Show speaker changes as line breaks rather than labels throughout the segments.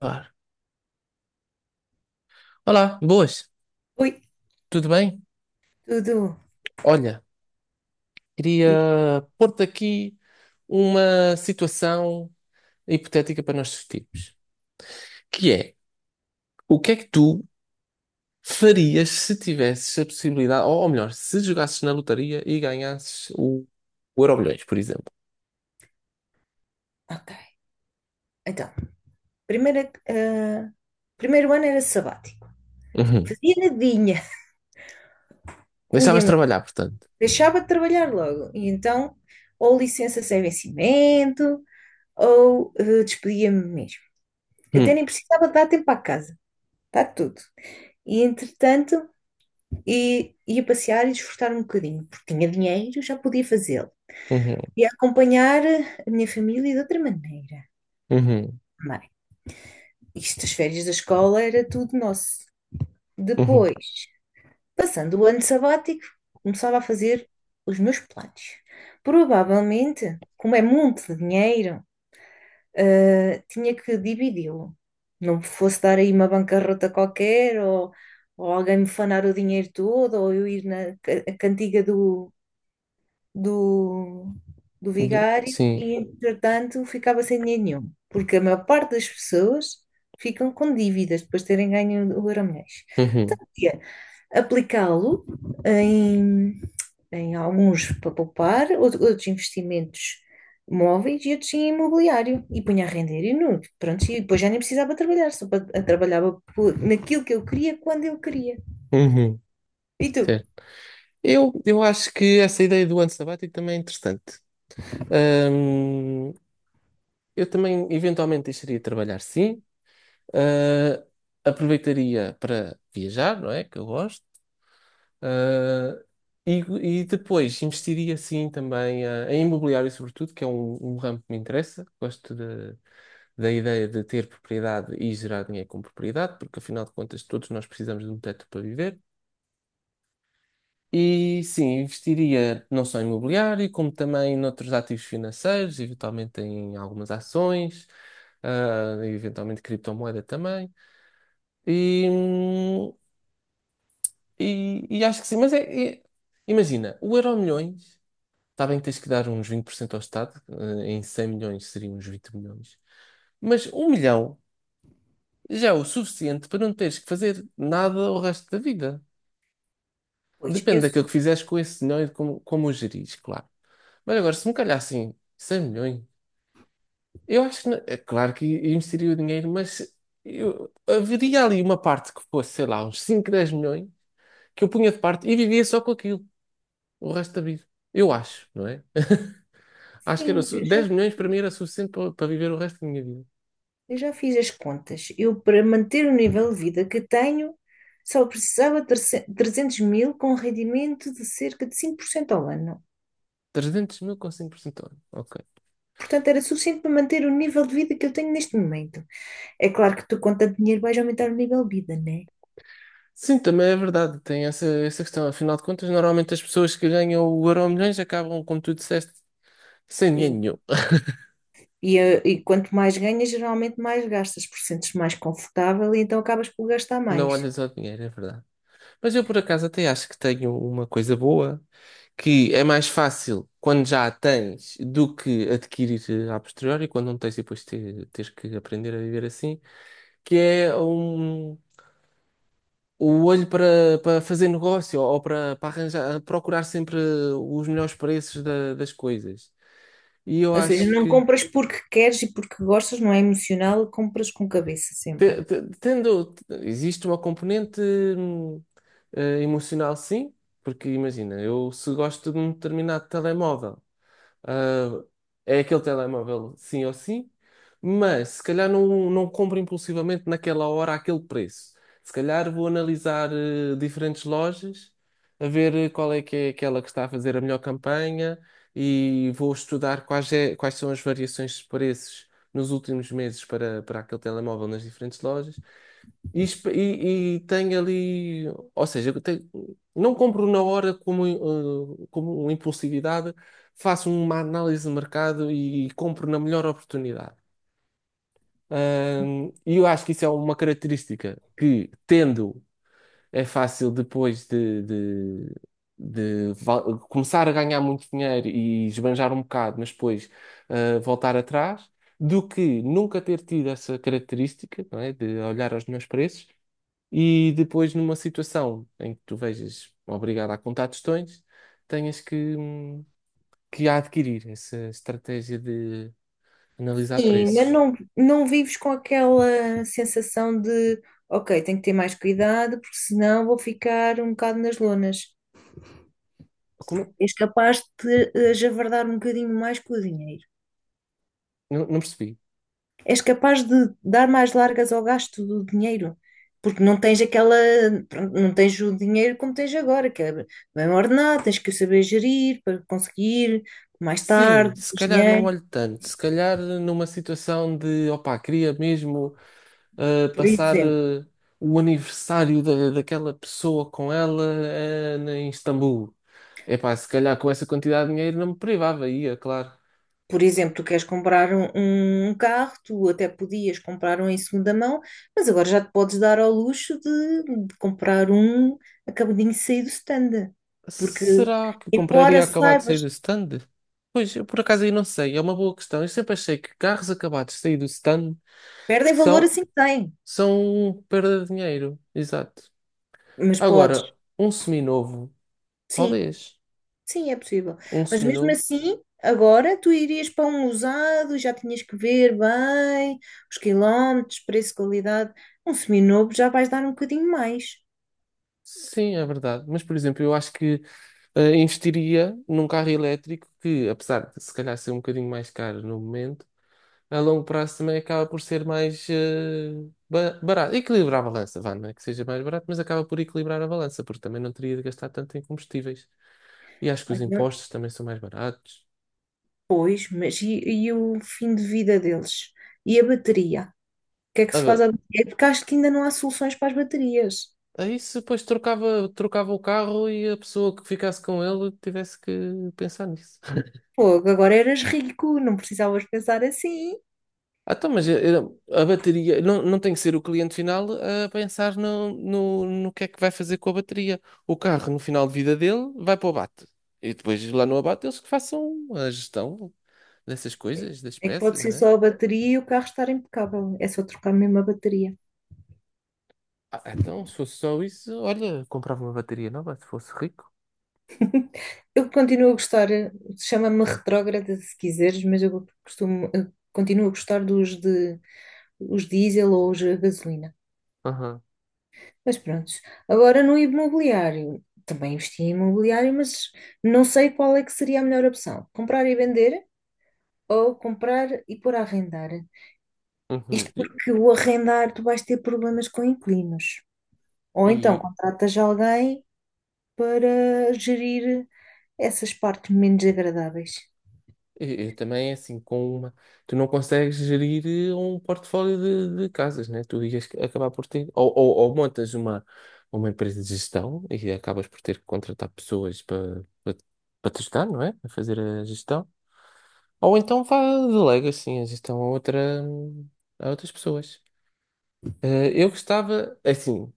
Claro. Olá, boas,
Oi,
tudo bem?
tudo.
Olha,
Diz.
queria pôr-te aqui uma situação hipotética para nós discutirmos, que é, o que é que tu farias se tivesses a possibilidade, ou melhor, se jogasses na lotaria e ganhasses o Euromilhões, por exemplo?
Ok. Então, primeira, ah, primeiro ano era sabático.
Uhum.
Fazia nadinha.
Deixavas de
Punha-me,
trabalhar, portanto.
deixava de trabalhar logo. E então, ou licença sem vencimento, ou despedia-me mesmo. Até
Uhum.
nem precisava dar tempo à casa. Está tudo. E entretanto, ia passear e desfrutar um bocadinho, porque tinha dinheiro, já podia fazê-lo.
Uhum.
E acompanhar a minha família de outra maneira.
Uhum.
Bem, isto, as férias da escola era tudo nosso.
Uhum.
Depois. Passando o ano sabático, começava a fazer os meus planos. Provavelmente, como é muito de dinheiro, tinha que dividi-lo. Não fosse dar aí uma bancarrota qualquer, ou alguém me fanar o dinheiro todo, ou eu ir na a cantiga do, do vigário
Sim.
e, entretanto, ficava sem dinheiro nenhum. Porque a maior parte das pessoas ficam com dívidas depois de terem ganho o Euromilhões.
Uhum.
Tinha aplicá-lo em tem alguns para poupar, outros investimentos móveis e outros em imobiliário. E punha a render e nu, pronto, e depois já nem precisava trabalhar, só trabalhava naquilo que eu queria, quando eu queria.
Uhum.
E tu?
Certo. Eu acho que essa ideia do ano sabático também é interessante. Eu também eventualmente deixaria de trabalhar, sim. Ah, aproveitaria para viajar, não é? Que eu gosto. Ah, e, e depois investiria, sim, também em imobiliário, sobretudo, que é um ramo que me interessa. Da ideia de ter propriedade e gerar dinheiro com propriedade, porque afinal de contas todos nós precisamos de um teto para viver. E sim, investiria não só em imobiliário, como também noutros ativos financeiros, eventualmente em algumas ações, e eventualmente criptomoeda também. E, hum, e acho que sim, é- imagina, o Euromilhões, está bem que tens que dar uns 20% ao Estado, em 100 milhões seriam uns 20 milhões, mas um milhão já é o suficiente para não teres que fazer nada o resto da vida.
Pois, eu
Depende daquilo
sou-
que fizeres com esse dinheiro e de como o gerires, claro. Mas agora, se me calhar assim, 100 milhões, eu acho que, é claro que investiria o dinheiro, mas eu, haveria ali uma parte que fosse, sei lá, uns 5 10 milhões, que eu punha de parte e vivia só com aquilo o resto da vida. Eu acho, não é? Acho que era,
sim,
su- 10 milhões para mim era suficiente para viver o resto da minha vida.
eu já fiz as contas. Eu, para manter o nível de vida que tenho, só precisava de 300.000 com rendimento de cerca de 5% ao ano.
300 mil com 5% ao ano. Ok.
Portanto, era suficiente para manter o nível de vida que eu tenho neste momento. É claro que tu, com tanto dinheiro, vais aumentar o nível de vida, né?
Sim, também é verdade, tem essa questão. Afinal de contas, normalmente as pessoas que ganham o Euro milhões acabam, como tu disseste, sem dinheiro nenhum.
E quanto mais ganhas, geralmente mais gastas, porque sentes mais confortável e então acabas por gastar
Não
mais.
olhas ao dinheiro, é verdade. Mas eu por acaso até acho que tenho uma coisa boa, que é mais fácil quando já a tens do que adquirir a posteriori, quando não tens e depois teres que aprender a viver assim, que é um, o olho para fazer negócio ou para arranjar, procurar sempre os melhores preços das coisas. E eu
Ou seja,
acho
não
que
compras porque queres e porque gostas, não é emocional, compras com cabeça sempre.
tendo, existe uma componente hum, emocional, sim, porque imagina, eu se gosto de um determinado telemóvel. ah, É aquele telemóvel sim ou sim, mas se calhar não compro impulsivamente naquela hora aquele preço. Se calhar vou analisar diferentes lojas, a ver qual é que é aquela que está a fazer a melhor campanha e vou estudar quais são as variações de preços nos últimos meses para aquele telemóvel nas diferentes lojas. E tenho ali, ou seja, não compro na hora como, como impulsividade, faço uma análise de mercado e compro na melhor oportunidade. E eu acho que isso é uma característica que, tendo, é fácil depois de começar a ganhar muito dinheiro e esbanjar um bocado, mas depois voltar atrás, do que nunca ter tido essa característica, não é, de olhar aos meus preços e depois, numa situação em que tu vejas obrigado a contar tostões, tenhas que que adquirir essa estratégia de analisar
Sim, mas
preços.
não, não vives com aquela sensação de, ok, tenho que ter mais cuidado, porque senão vou ficar um bocado nas lonas.
Como?
És capaz de javardar um bocadinho mais com o dinheiro.
Não percebi.
És capaz de dar mais largas ao gasto do dinheiro, porque não tens aquela, pronto, não tens o dinheiro como tens agora, que é bem ordenado, tens que o saber gerir para conseguir mais
Sim,
tarde,
se
mais
calhar não
dinheiro,
olho tanto. Se calhar numa situação de, opá, queria mesmo
por
passar
exemplo.
o aniversário daquela pessoa com ela em Istambul. Epá, se calhar com essa quantidade de dinheiro não me privava, ia, claro.
Por exemplo, tu queres comprar um, um carro, tu até podias comprar um em segunda mão, mas agora já te podes dar ao luxo de comprar um acabadinho de sair do stand. Porque,
Será que compraria
embora
acabado de sair do
saibas,
stand? Pois, eu por acaso aí não sei, é uma boa questão. Eu sempre achei que carros acabados de sair do stand
perdem valor
são,
assim que têm,
são perda de dinheiro. Exato.
mas podes.
Agora, um seminovo,
Sim,
talvez.
sim, é possível.
Um
Mas mesmo
seminovo,
assim, agora tu irias para um usado, já tinhas que ver bem os quilómetros, preço, qualidade. Um seminovo já vais dar um bocadinho mais.
sim, é verdade. Mas, por exemplo, eu acho que investiria num carro elétrico que, apesar de se calhar ser um bocadinho mais caro no momento, a longo prazo também acaba por ser mais barato. Equilibrar a balança, vá, não é que seja mais barato, mas acaba por equilibrar a balança, porque também não teria de gastar tanto em combustíveis. E acho que os impostos também são mais baratos.
Pois, mas e o fim de vida deles? E a bateria? O que é que
Ah,
se faz
bem,
à bateria? É porque acho que ainda não há soluções para as baterias.
aí se depois trocava, trocava o carro e a pessoa que ficasse com ele tivesse que pensar nisso.
Pô, agora eras rico, não precisavas pensar assim.
Ah, então, mas a bateria não tem que ser o cliente final a pensar no que é que vai fazer com a bateria. O carro, no final de vida dele, vai para o abate. E depois lá no abate eles que façam a gestão dessas coisas, das
É que pode
peças,
ser
né?
só a bateria e o carro estar impecável. É só trocar mesmo a bateria.
Ah, então, se fosse só isso, olha, comprava uma bateria nova se fosse rico.
Eu continuo a gostar, chama-me retrógrada se quiseres, mas eu costumo, eu continuo a gostar dos de os diesel ou os a gasolina.
Aham,
Mas pronto, agora no imobiliário, também investi em imobiliário, mas não sei qual é que seria a melhor opção, comprar e vender ou comprar e pôr a arrendar.
uhum.
Isto porque o arrendar tu vais ter problemas com inquilinos. Ou então
E
contratas alguém para gerir essas partes menos agradáveis.
E, também é assim, com uma, tu não consegues gerir um portfólio de casas, né? Tu ias acabar por ter, ou montas uma empresa de gestão e acabas por ter que contratar pessoas para te ajudar, não é? A fazer a gestão. Ou então vá, delega assim a gestão a outra, a outras pessoas. Eu gostava, assim.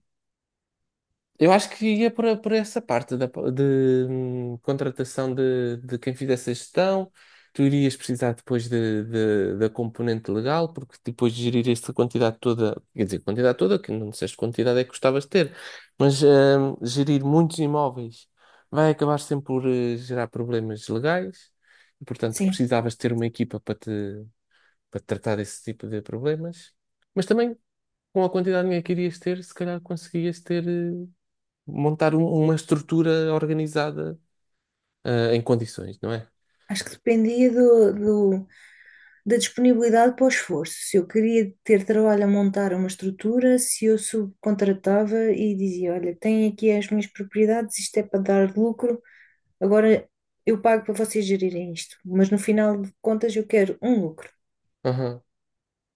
Eu acho que ia por essa parte de contratação de quem fizesse a gestão. Tu irias precisar depois da componente legal, porque depois de gerir essa quantidade toda, quer dizer, quantidade toda, que não disseste quantidade é que gostavas de ter, mas gerir muitos imóveis vai acabar sempre por gerar problemas legais, e portanto
Sim,
precisavas ter uma equipa para tratar desse tipo de problemas, mas também com a quantidade de dinheiro que irias ter, se calhar conseguias ter. Montar uma estrutura organizada, em condições, não é?
acho que dependia do- da disponibilidade para o esforço. Se eu queria ter trabalho a montar uma estrutura, se eu subcontratava e dizia: Olha, tenho aqui as minhas propriedades, isto é para dar lucro, agora eu pago para vocês gerirem isto, mas no final de contas eu quero um lucro.
Aham,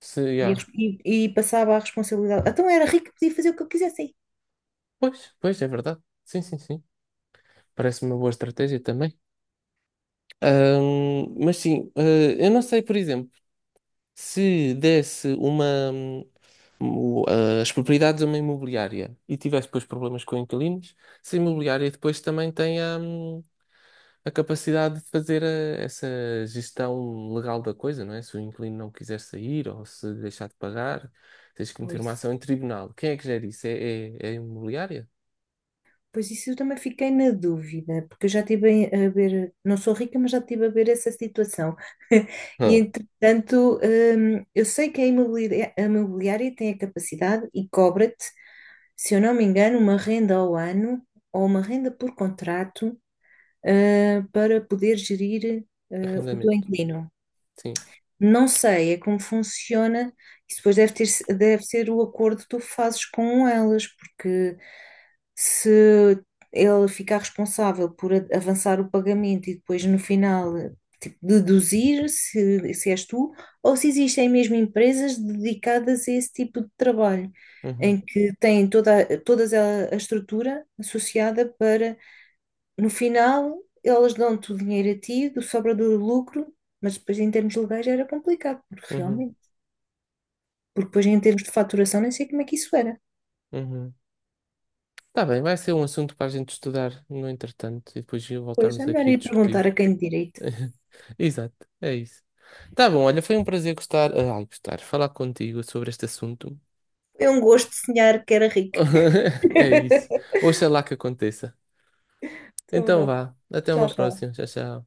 se,
E,
yeah.
e passava a responsabilidade. Então era rico, podia fazer o que eu quisesse aí.
Pois, pois, é verdade. Sim, sim, sim. Parece uma boa estratégia também. Mas sim, eu não sei, por exemplo, se desse uma, hum, as propriedades a uma imobiliária e tivesse depois problemas com inquilinos, se a imobiliária depois também tem a capacidade de fazer essa gestão legal da coisa, não é? Se o inquilino não quiser sair ou se deixar de pagar, tens que meter uma
Pois.
ação em tribunal. Quem é que gera isso? É a imobiliária?
Pois isso eu também fiquei na dúvida, porque eu já estive a ver, não sou rica, mas já estive a ver essa situação. E
Hã.
entretanto, eu sei que a imobiliária tem a capacidade e cobra-te, se eu não me engano, uma renda ao ano ou uma renda por contrato, para poder gerir, ah, o teu
Arrendamento.
inquilino.
Sim.
Não sei, é como funciona. Isso depois deve ter, deve ser o acordo que tu fazes com elas, porque se ela ficar responsável por avançar o pagamento e depois no final tipo, deduzir se és tu, ou se existem mesmo empresas dedicadas a esse tipo de trabalho,
Uhum,
em que têm todas a estrutura associada para no final, elas dão-te o dinheiro a ti, do sobra do lucro, mas depois em termos legais era complicado, porque
uhum,
realmente, porque depois em termos de faturação nem sei como é que isso era.
uhum. Tá bem, vai ser um assunto para a gente estudar no entretanto e depois
Pois é
voltarmos
melhor
aqui a
ir perguntar
discutir.
a quem de direito.
Exato, é isso. Tá bom, olha, foi um prazer gostar, falar contigo sobre este assunto.
Foi um gosto de sonhar que era rica.
É isso. Oxalá que aconteça.
Então
Então
vá,
vá. Até
tchau,
uma
tchau.
próxima. Tchau, tchau.